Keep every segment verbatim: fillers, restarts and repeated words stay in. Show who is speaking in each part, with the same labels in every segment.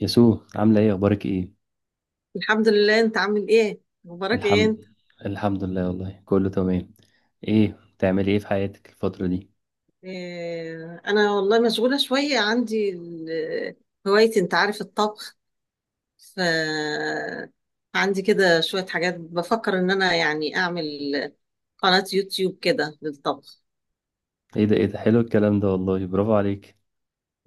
Speaker 1: يسوع، عاملة ايه؟ اخبارك ايه؟
Speaker 2: الحمد لله. انت عامل ايه؟ مبارك ايه
Speaker 1: الحمد
Speaker 2: انت.
Speaker 1: الحمد لله، والله كله تمام. ايه بتعملي ايه في حياتك الفترة دي؟
Speaker 2: إيه، انا والله مشغوله شويه. عندي ال- هوايتي، انت عارف، الطبخ. ف عندي كده شويه حاجات، بفكر ان انا يعني اعمل قناه يوتيوب كده للطبخ.
Speaker 1: ايه ده، ايه ده، حلو الكلام ده والله، برافو عليك.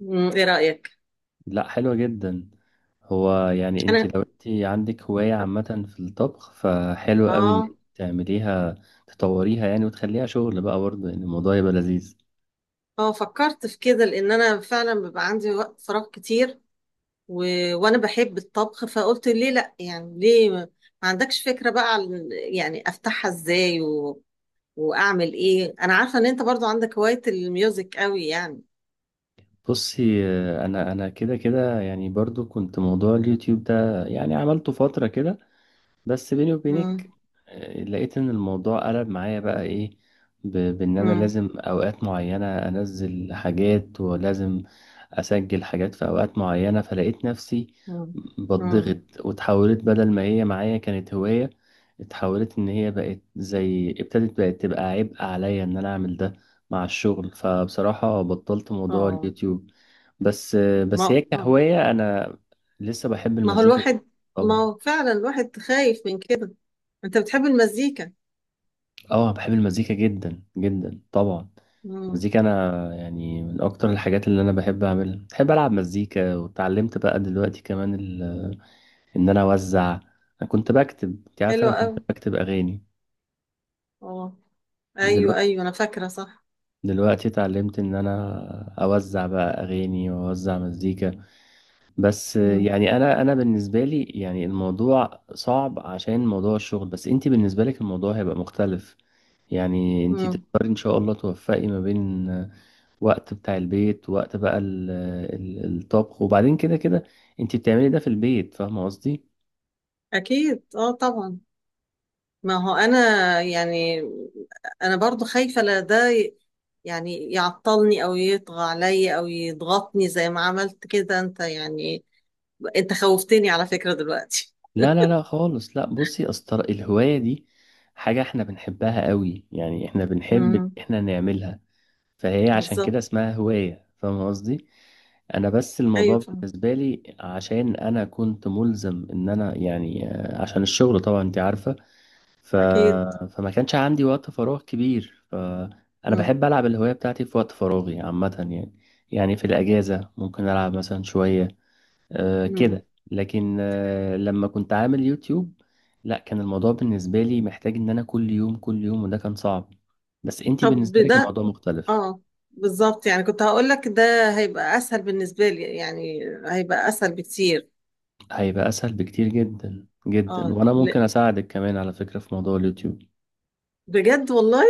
Speaker 2: مم، ايه رايك؟
Speaker 1: لا، حلو جدا. هو يعني انت،
Speaker 2: انا
Speaker 1: لو انت عندك هواية عامة في الطبخ، فحلو قوي ان
Speaker 2: اه
Speaker 1: انت تعمليها، تطوريها يعني، وتخليها شغل بقى برضه يعني الموضوع يبقى لذيذ.
Speaker 2: اه فكرت في كده، لان انا فعلا بيبقى عندي وقت فراغ كتير و... وانا بحب الطبخ، فقلت ليه لا؟ يعني ليه ما ما عندكش فكرة بقى عن يعني افتحها ازاي واعمل ايه. انا عارفه ان انت برضو عندك هوايه الميوزك قوي يعني.
Speaker 1: بصي، آه، انا انا كده كده يعني برضه كنت موضوع اليوتيوب ده يعني عملته فترة كده. بس بيني وبينك،
Speaker 2: امم.
Speaker 1: آه، لقيت ان الموضوع قلب معايا بقى ايه، ب- بان انا
Speaker 2: امم.
Speaker 1: لازم اوقات معينة انزل حاجات، ولازم اسجل حاجات في اوقات معينة، فلقيت نفسي
Speaker 2: امم. امم.
Speaker 1: بتضغط. وتحولت، بدل ما هي معايا كانت هواية، اتحولت ان هي بقت، زي ابتدت بقت تبقى عبء عليا ان انا اعمل ده مع الشغل. فبصراحة بطلت موضوع
Speaker 2: اه.
Speaker 1: اليوتيوب. بس آه، بس هي
Speaker 2: ما آه.
Speaker 1: كهواية، انا لسه بحب
Speaker 2: ما هو
Speaker 1: المزيكا جدا
Speaker 2: الواحد، ما
Speaker 1: طبعا.
Speaker 2: هو فعلا الواحد خايف من كده. انت بتحب المزيكا؟
Speaker 1: اه، بحب المزيكا جدا جدا طبعا.
Speaker 2: امم.
Speaker 1: المزيكا انا يعني من اكتر الحاجات اللي انا بحب اعملها، بحب العب مزيكا، واتعلمت بقى دلوقتي كمان ال... ان انا اوزع. انا كنت بكتب، انت عارف، انا
Speaker 2: حلوه قوي.
Speaker 1: كنت بكتب اغاني.
Speaker 2: اه. ايوه،
Speaker 1: دلوقتي
Speaker 2: ايوه، انا فاكره صح.
Speaker 1: دلوقتي اتعلمت ان انا اوزع بقى اغاني واوزع مزيكا. بس
Speaker 2: امم.
Speaker 1: يعني انا انا بالنسبه لي يعني الموضوع صعب عشان موضوع الشغل، بس انت بالنسبه لك الموضوع هيبقى مختلف. يعني انت
Speaker 2: امم.
Speaker 1: تقدري ان شاء الله توفقي ما بين وقت بتاع البيت، وقت بقى ال- ال- الطبخ، وبعدين كده كده انت بتعملي ده في البيت، فاهمه قصدي.
Speaker 2: اكيد، اه طبعا. ما هو انا، يعني انا برضو خايفه لا ده ي- يعني يعطلني، او يطغى عليا، او يضغطني زي ما عملت كده انت يعني. انت خوفتني على فكرة دلوقتي.
Speaker 1: لا لا لا خالص، لا بصي اصل الهوايه دي حاجه احنا بنحبها قوي، يعني احنا بنحب إن
Speaker 2: امم.
Speaker 1: احنا نعملها. فهي عشان كده
Speaker 2: بالظبط.
Speaker 1: اسمها هوايه، فاهمه قصدي. انا بس
Speaker 2: ايوه،
Speaker 1: الموضوع
Speaker 2: فاهم.
Speaker 1: بالنسبه لي عشان انا كنت ملزم ان انا يعني، آه، عشان الشغل طبعا انت عارفه. ف...
Speaker 2: اكيد.
Speaker 1: فما كانش عندي وقت فراغ كبير، فأنا
Speaker 2: امم.
Speaker 1: بحب ألعب الهواية بتاعتي في وقت فراغي عامة يعني. يعني في الأجازة ممكن ألعب مثلا شوية أه
Speaker 2: امم.
Speaker 1: كده، لكن أه لما كنت عامل يوتيوب، لا، كان الموضوع بالنسبة لي محتاج إن أنا كل يوم كل يوم، وده كان صعب. بس أنتي
Speaker 2: طب
Speaker 1: بالنسبة لك
Speaker 2: ده
Speaker 1: الموضوع مختلف،
Speaker 2: اه، بالظبط، يعني كنت هقول لك ده. هيبقى اسهل بالنسبة لي، يعني هيبقى اسهل بكتير.
Speaker 1: هيبقى أسهل بكتير جدا جدا.
Speaker 2: اه
Speaker 1: وأنا
Speaker 2: لا.
Speaker 1: ممكن أساعدك كمان على فكرة في موضوع اليوتيوب.
Speaker 2: بجد والله.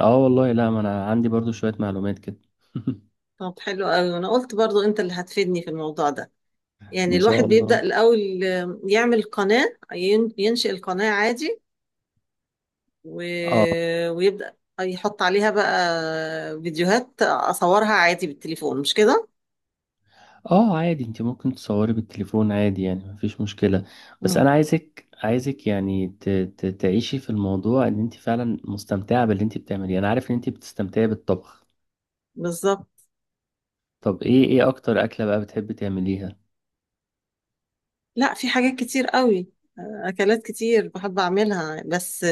Speaker 1: آه والله، لا ما أنا عندي برضو شوية معلومات كده.
Speaker 2: طب حلو قوي. انا قلت برضو انت اللي هتفيدني في الموضوع ده. يعني
Speaker 1: إن
Speaker 2: الواحد
Speaker 1: شاء
Speaker 2: بيبدأ
Speaker 1: الله.
Speaker 2: الاول، آه، يعمل قناة، ين- ينشئ القناة عادي و...
Speaker 1: اه
Speaker 2: ويبدأ يحط عليها بقى فيديوهات، اصورها عادي بالتليفون، مش كده؟
Speaker 1: اه، عادي، انت ممكن تصوري بالتليفون عادي، يعني مفيش مشكلة. بس
Speaker 2: مم.
Speaker 1: انا عايزك عايزك يعني ت... ت... تعيشي في الموضوع، ان انت فعلا مستمتعة باللي انت بتعمليه. انا عارف ان انت بتستمتعي بالطبخ.
Speaker 2: بالظبط.
Speaker 1: طب ايه ايه اكتر اكلة بقى بتحبي تعمليها؟
Speaker 2: لا، في حاجات كتير قوي. آه، اكلات كتير بحب اعملها، بس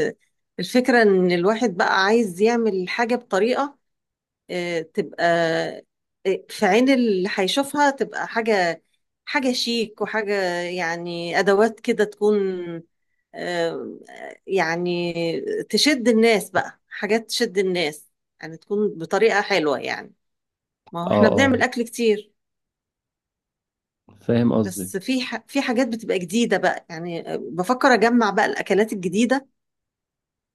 Speaker 2: الفكرة ان الواحد بقى عايز يعمل حاجة بطريقة آه، تبقى آه، في عين اللي هيشوفها تبقى حاجة، حاجة شيك، وحاجة يعني ادوات كده تكون آه، يعني تشد الناس، بقى حاجات تشد الناس، يعني تكون بطريقة حلوة يعني. ما هو
Speaker 1: اه
Speaker 2: احنا بنعمل
Speaker 1: اه،
Speaker 2: اكل كتير،
Speaker 1: فاهم قصدك.
Speaker 2: بس في ح... في حاجات بتبقى جديدة بقى، يعني بفكر أجمع بقى الأكلات الجديدة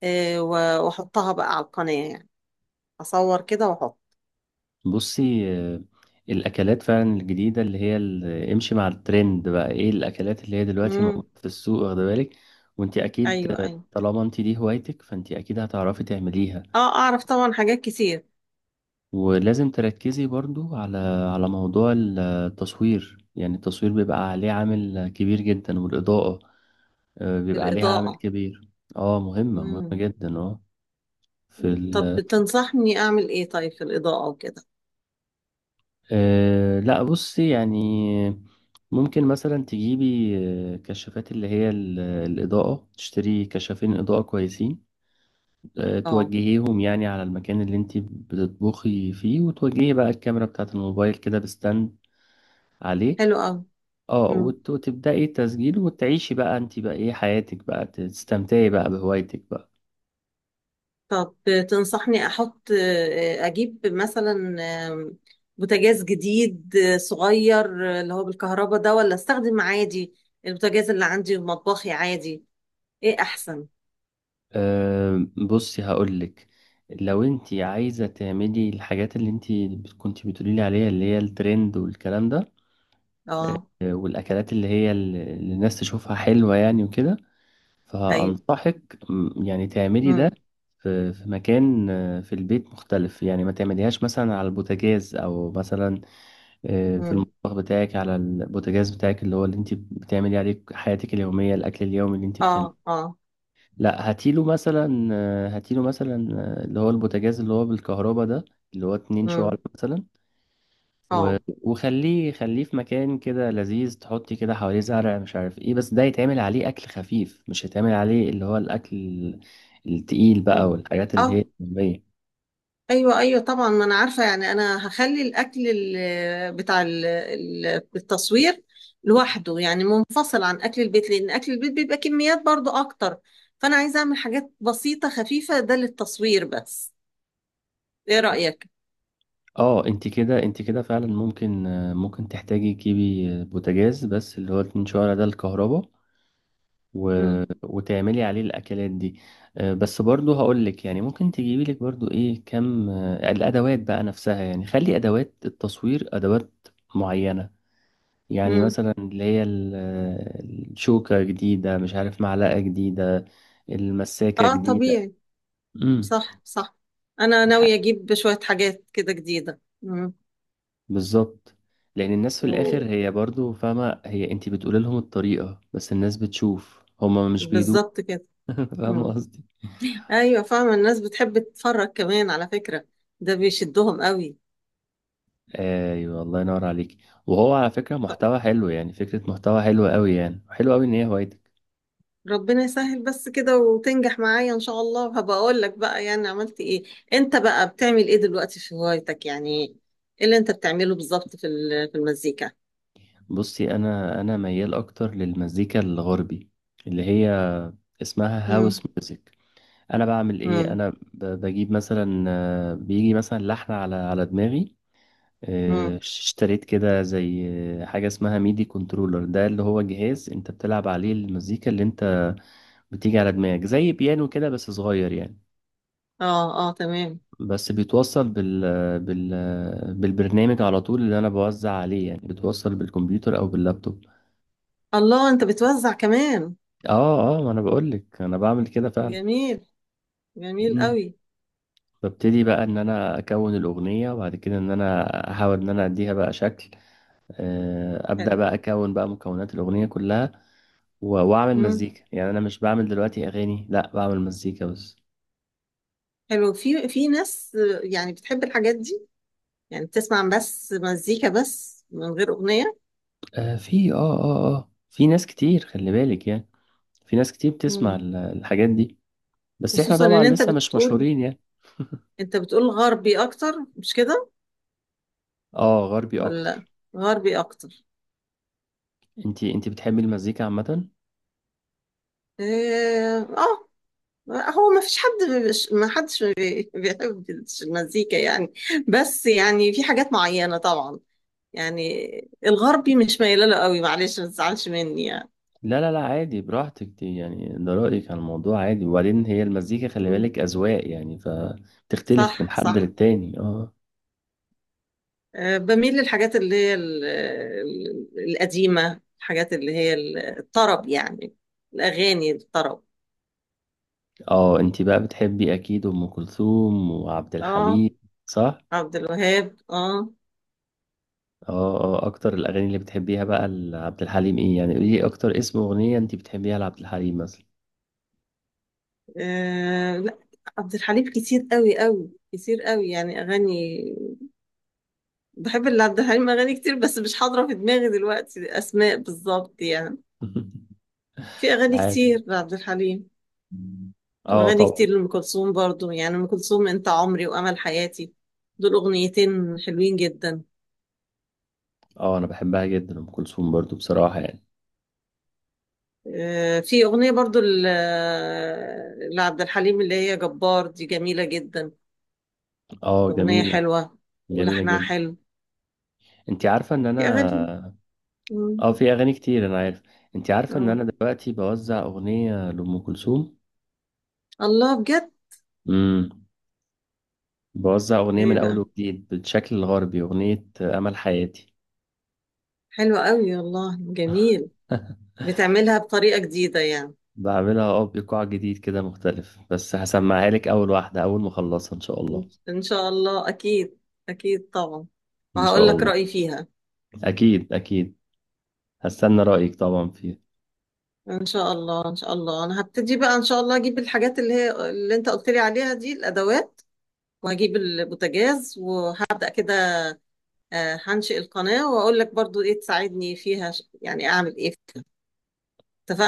Speaker 2: آه، و- وأحطها بقى على القناة يعني. أصور كده وأحط.
Speaker 1: بصي، آه، الاكلات فعلا الجديدة اللي هي ال- امشي مع الترند، بقى ايه الاكلات اللي هي دلوقتي
Speaker 2: امم.
Speaker 1: موجودة في السوق، واخده بالك. وانت اكيد،
Speaker 2: أيوه،
Speaker 1: آه،
Speaker 2: أيوه.
Speaker 1: طالما انت دي هوايتك، فانت اكيد هتعرفي تعمليها.
Speaker 2: أه، أعرف طبعا حاجات كتير.
Speaker 1: ولازم تركزي برضو على على موضوع التصوير، يعني التصوير بيبقى عليه عامل كبير جدا، والإضاءة آه،
Speaker 2: في
Speaker 1: بيبقى عليها عامل
Speaker 2: الإضاءة.
Speaker 1: كبير. اه، مهمة مهمة
Speaker 2: امم.
Speaker 1: جدا، اه. في
Speaker 2: طب
Speaker 1: ال
Speaker 2: تنصحني أعمل إيه طيب في الإضاءة وكده؟
Speaker 1: آه لا بصي، يعني ممكن مثلا تجيبي آه، كشافات اللي هي ال- الإضاءة، تشتري كشافين إضاءة كويسين. آه،
Speaker 2: أه.
Speaker 1: توجهيهم يعني على المكان اللي انت بتطبخي فيه، وتوجهي بقى الكاميرا بتاعة الموبايل كده بستاند عليه.
Speaker 2: حلو. أوي.
Speaker 1: اه، وت- وتبدأي تسجيل، وتعيشي بقى انت بقى ايه حياتك بقى، تستمتعي بقى بهوايتك بقى.
Speaker 2: طب تنصحني احط، اجيب مثلا بوتاجاز جديد صغير اللي هو بالكهرباء ده، ولا استخدم عادي البوتاجاز اللي عندي في مطبخي عادي؟ ايه احسن؟
Speaker 1: أه بصي هقولك، لو انت عايزة تعملي الحاجات اللي انت كنت بتقولي لي عليها اللي هي الترند والكلام ده،
Speaker 2: اه.
Speaker 1: آه، والاكلات اللي هي ال- اللي الناس تشوفها حلوة يعني وكده.
Speaker 2: ايوه.
Speaker 1: فأنصحك م، يعني تعملي ده
Speaker 2: امم.
Speaker 1: في في مكان، آه، في البيت مختلف، يعني ما تعمليهاش مثلا على البوتاجاز، او مثلا آه، في
Speaker 2: امم.
Speaker 1: المطبخ بتاعك على البوتاجاز بتاعك اللي هو اللي انت بتعملي عليه حياتك اليومية، الأكل اليومي اللي انت
Speaker 2: اه.
Speaker 1: بتعمله.
Speaker 2: اه.
Speaker 1: لا، هاتيله مثلا آه، هاتيله مثلا، آه، اللي هو البوتاجاز اللي هو بالكهرباء ده، اللي هو اتنين شعل
Speaker 2: امم.
Speaker 1: مثلا. و...
Speaker 2: اه.
Speaker 1: وخليه خليه في مكان كده لذيذ، تحطي كده حواليه زرع مش عارف ايه، بس ده يتعمل عليه أكل خفيف، مش هيتعمل عليه اللي هو الأكل التقيل بقى،
Speaker 2: مم.
Speaker 1: والحاجات اللي هي
Speaker 2: اه،
Speaker 1: اليومية.
Speaker 2: ايوه، ايوه طبعا، ما انا عارفه. يعني انا هخلي الاكل ال- بتاع ال- ال- التصوير لوحده، يعني منفصل عن اكل البيت، لان اكل البيت بيبقى كميات برضو اكتر. فانا عايزه اعمل حاجات بسيطه خفيفه ده للتصوير بس. ايه رايك؟
Speaker 1: اه، انت كده، انت كده فعلا ممكن، آه، ممكن تحتاجي تجيبي آه، بوتاجاز، بس اللي هو اتنين شعلة ده الكهرباء. و...
Speaker 2: امم.
Speaker 1: وتعملي عليه الاكلات دي. آه، بس برضه هقول لك يعني ممكن تجيبي لك برضه ايه كم، آه، الادوات بقى نفسها، يعني خلي ادوات التصوير ادوات معينة. يعني
Speaker 2: امم.
Speaker 1: مثلا اللي هي ال- آه، الشوكة جديدة، مش عارف معلقة جديدة، المساكة
Speaker 2: اه
Speaker 1: جديدة.
Speaker 2: طبيعي.
Speaker 1: امم.
Speaker 2: صح، صح. انا ناويه اجيب شويه حاجات كده جديده. امم.
Speaker 1: بالظبط. لان الناس في الاخر هي برضو فاهمه، هي انت بتقول لهم الطريقه، بس الناس بتشوف، هما مش بيدوق.
Speaker 2: وبالظبط كده. امم.
Speaker 1: فاهمه قصدي.
Speaker 2: ايوه، فاهمه. الناس بتحب تتفرج كمان على فكره، ده بيشدهم قوي.
Speaker 1: ايوه الله ينور عليك. وهو على فكره محتوى حلو، يعني فكره محتوى حلوه قوي، يعني حلو قوي ان هي هوايتك.
Speaker 2: ربنا يسهل بس كده وتنجح معايا ان شاء الله، وهبقى اقول لك بقى يعني عملت ايه. انت بقى بتعمل ايه دلوقتي في هوايتك يعني؟ ايه اللي انت بتعمله بالظبط في ال- في المزيكا؟
Speaker 1: بصي، انا انا ميال اكتر للمزيكا الغربي، اللي هي اسمها هاوس
Speaker 2: امم.
Speaker 1: ميوزك. انا بعمل ايه؟
Speaker 2: امم.
Speaker 1: انا ب- بجيب مثلا، آه، بيجي مثلا لحن على على دماغي، آه،
Speaker 2: امم.
Speaker 1: اشتريت كده زي آه، حاجة اسمها ميدي كنترولر. ده اللي هو جهاز انت بتلعب عليه المزيكا اللي انت بتيجي على دماغك، زي بيانو كده بس صغير يعني.
Speaker 2: اه، اه، تمام.
Speaker 1: بس بيتوصل بال... بال... بالبرنامج على طول، اللي انا بوزع عليه، يعني بتوصل بالكمبيوتر او باللابتوب.
Speaker 2: الله، انت بتوزع كمان؟
Speaker 1: اه اه، ما انا بقولك انا بعمل كده فعلا.
Speaker 2: جميل. جميل
Speaker 1: مم.
Speaker 2: قوي.
Speaker 1: ببتدي بقى ان انا اكون الاغنيه، وبعد كده ان انا احاول ان انا اديها بقى شكل، آه، ابدا
Speaker 2: حلو.
Speaker 1: بقى اكون بقى مكونات الاغنيه كلها و- واعمل
Speaker 2: امم.
Speaker 1: مزيكا. يعني انا مش بعمل دلوقتي اغاني، لا بعمل مزيكا بس.
Speaker 2: حلو. في في ناس آه، يعني بتحب الحاجات دي، يعني بتسمع بس مزيكا بس من غير اغنية.
Speaker 1: آه في اه اه اه في ناس كتير خلي بالك يعني، في ناس كتير بتسمع
Speaker 2: امم.
Speaker 1: ال- الحاجات دي، بس احنا
Speaker 2: خصوصا
Speaker 1: طبعا
Speaker 2: ان انت
Speaker 1: لسه مش
Speaker 2: بتقول،
Speaker 1: مشهورين يعني.
Speaker 2: انت بتقول غربي اكتر، مش كده؟
Speaker 1: اه، غربي
Speaker 2: ولا؟
Speaker 1: اكتر.
Speaker 2: غربي اكتر.
Speaker 1: انتي انتي بتحبي المزيكا عامة؟
Speaker 2: إيه، اه. هو ما فيش حد مش- ما حدش بي- بيحب المزيكا يعني؟ بس يعني في حاجات معينة طبعا، يعني الغربي مش مايله له قوي، معلش ما تزعلش مني يعني.
Speaker 1: لا لا لا، عادي براحتك، دي يعني ده رأيك على الموضوع عادي. وبعدين هي المزيكا خلي
Speaker 2: مم.
Speaker 1: بالك أذواق، يعني فبتختلف من
Speaker 2: صح،
Speaker 1: حد
Speaker 2: صح.
Speaker 1: للتاني، اه.
Speaker 2: آه، بميل للحاجات اللي هي ال- ال- القديمة، الحاجات اللي هي ال- الطرب يعني، الأغاني الطرب.
Speaker 1: اه، انتي بقى بتحبي اكيد ام كلثوم وعبد
Speaker 2: اه.
Speaker 1: الحليم، صح؟
Speaker 2: عبد الوهاب، اه.
Speaker 1: اه اه، اكتر الاغاني اللي بتحبيها بقى لعبد الحليم ايه يعني؟ قولي لي اكتر اسم اغنيه انت بتحبيها لعبد الحليم مثلا.
Speaker 2: آه لا، عبد الحليم كتير قوي، قوي كتير قوي يعني اغاني. بحب اللي عبد الحليم اغاني كتير، بس مش حاضره في دماغي دلوقتي اسماء بالظبط يعني. في اغاني
Speaker 1: عادي،
Speaker 2: كتير لعبد الحليم،
Speaker 1: اه
Speaker 2: واغاني
Speaker 1: طبعا.
Speaker 2: كتير لام كلثوم برضو. يعني ام كلثوم، انت عمري وامل حياتي، دول اغنيتين حلوين جدا.
Speaker 1: اه انا بحبها جدا ام كلثوم برضو بصراحه يعني.
Speaker 2: آه في اغنيه برضو ل- لعبد الحليم اللي هي جبار، دي جميله جدا.
Speaker 1: اه،
Speaker 2: اغنيه
Speaker 1: جميله،
Speaker 2: حلوه،
Speaker 1: جميله
Speaker 2: ولحنها
Speaker 1: جدا.
Speaker 2: حلو.
Speaker 1: انت عارفه ان
Speaker 2: في
Speaker 1: انا،
Speaker 2: اغاني. مم.
Speaker 1: اه في اغاني كتير انا عارف. انت عارفه ان انا
Speaker 2: اه.
Speaker 1: دلوقتي بوزع اغنيه لام كلثوم؟
Speaker 2: الله، بجد؟
Speaker 1: امم. بوزع اغنيه
Speaker 2: ايه
Speaker 1: من اول
Speaker 2: بقى!
Speaker 1: وجديد بالشكل الغربي، اغنيه امل حياتي.
Speaker 2: حلو قوي والله، جميل. بتعملها بطريقة جديدة يعني؟
Speaker 1: بعملها اه بايقاع جديد كده مختلف، بس هسمعها لك اول واحده اول ما اخلصها ان شاء الله.
Speaker 2: ان شاء الله. اكيد، اكيد طبعا.
Speaker 1: ان
Speaker 2: وهقول
Speaker 1: شاء
Speaker 2: لك
Speaker 1: الله،
Speaker 2: رأيي فيها.
Speaker 1: اكيد اكيد هستنى رايك طبعا فيها.
Speaker 2: ان شاء الله. ان شاء الله، انا هبتدي بقى ان شاء الله، اجيب الحاجات اللي هي اللي انت قلت لي عليها دي، الادوات، وهجيب البوتاجاز وهبدأ كده. آه، هنشئ القناة، واقول لك برضو ايه تساعدني فيها، ش- يعني اعمل ايه فيها.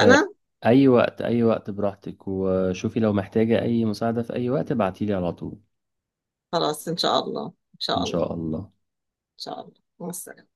Speaker 1: آه، اي وقت، اي وقت براحتك، وشوفي لو محتاجه اي مساعده في اي وقت ابعتيلي على طول.
Speaker 2: خلاص ان شاء الله. ان
Speaker 1: ان
Speaker 2: شاء الله. ان
Speaker 1: شاء الله.
Speaker 2: شاء الله، مع السلامة.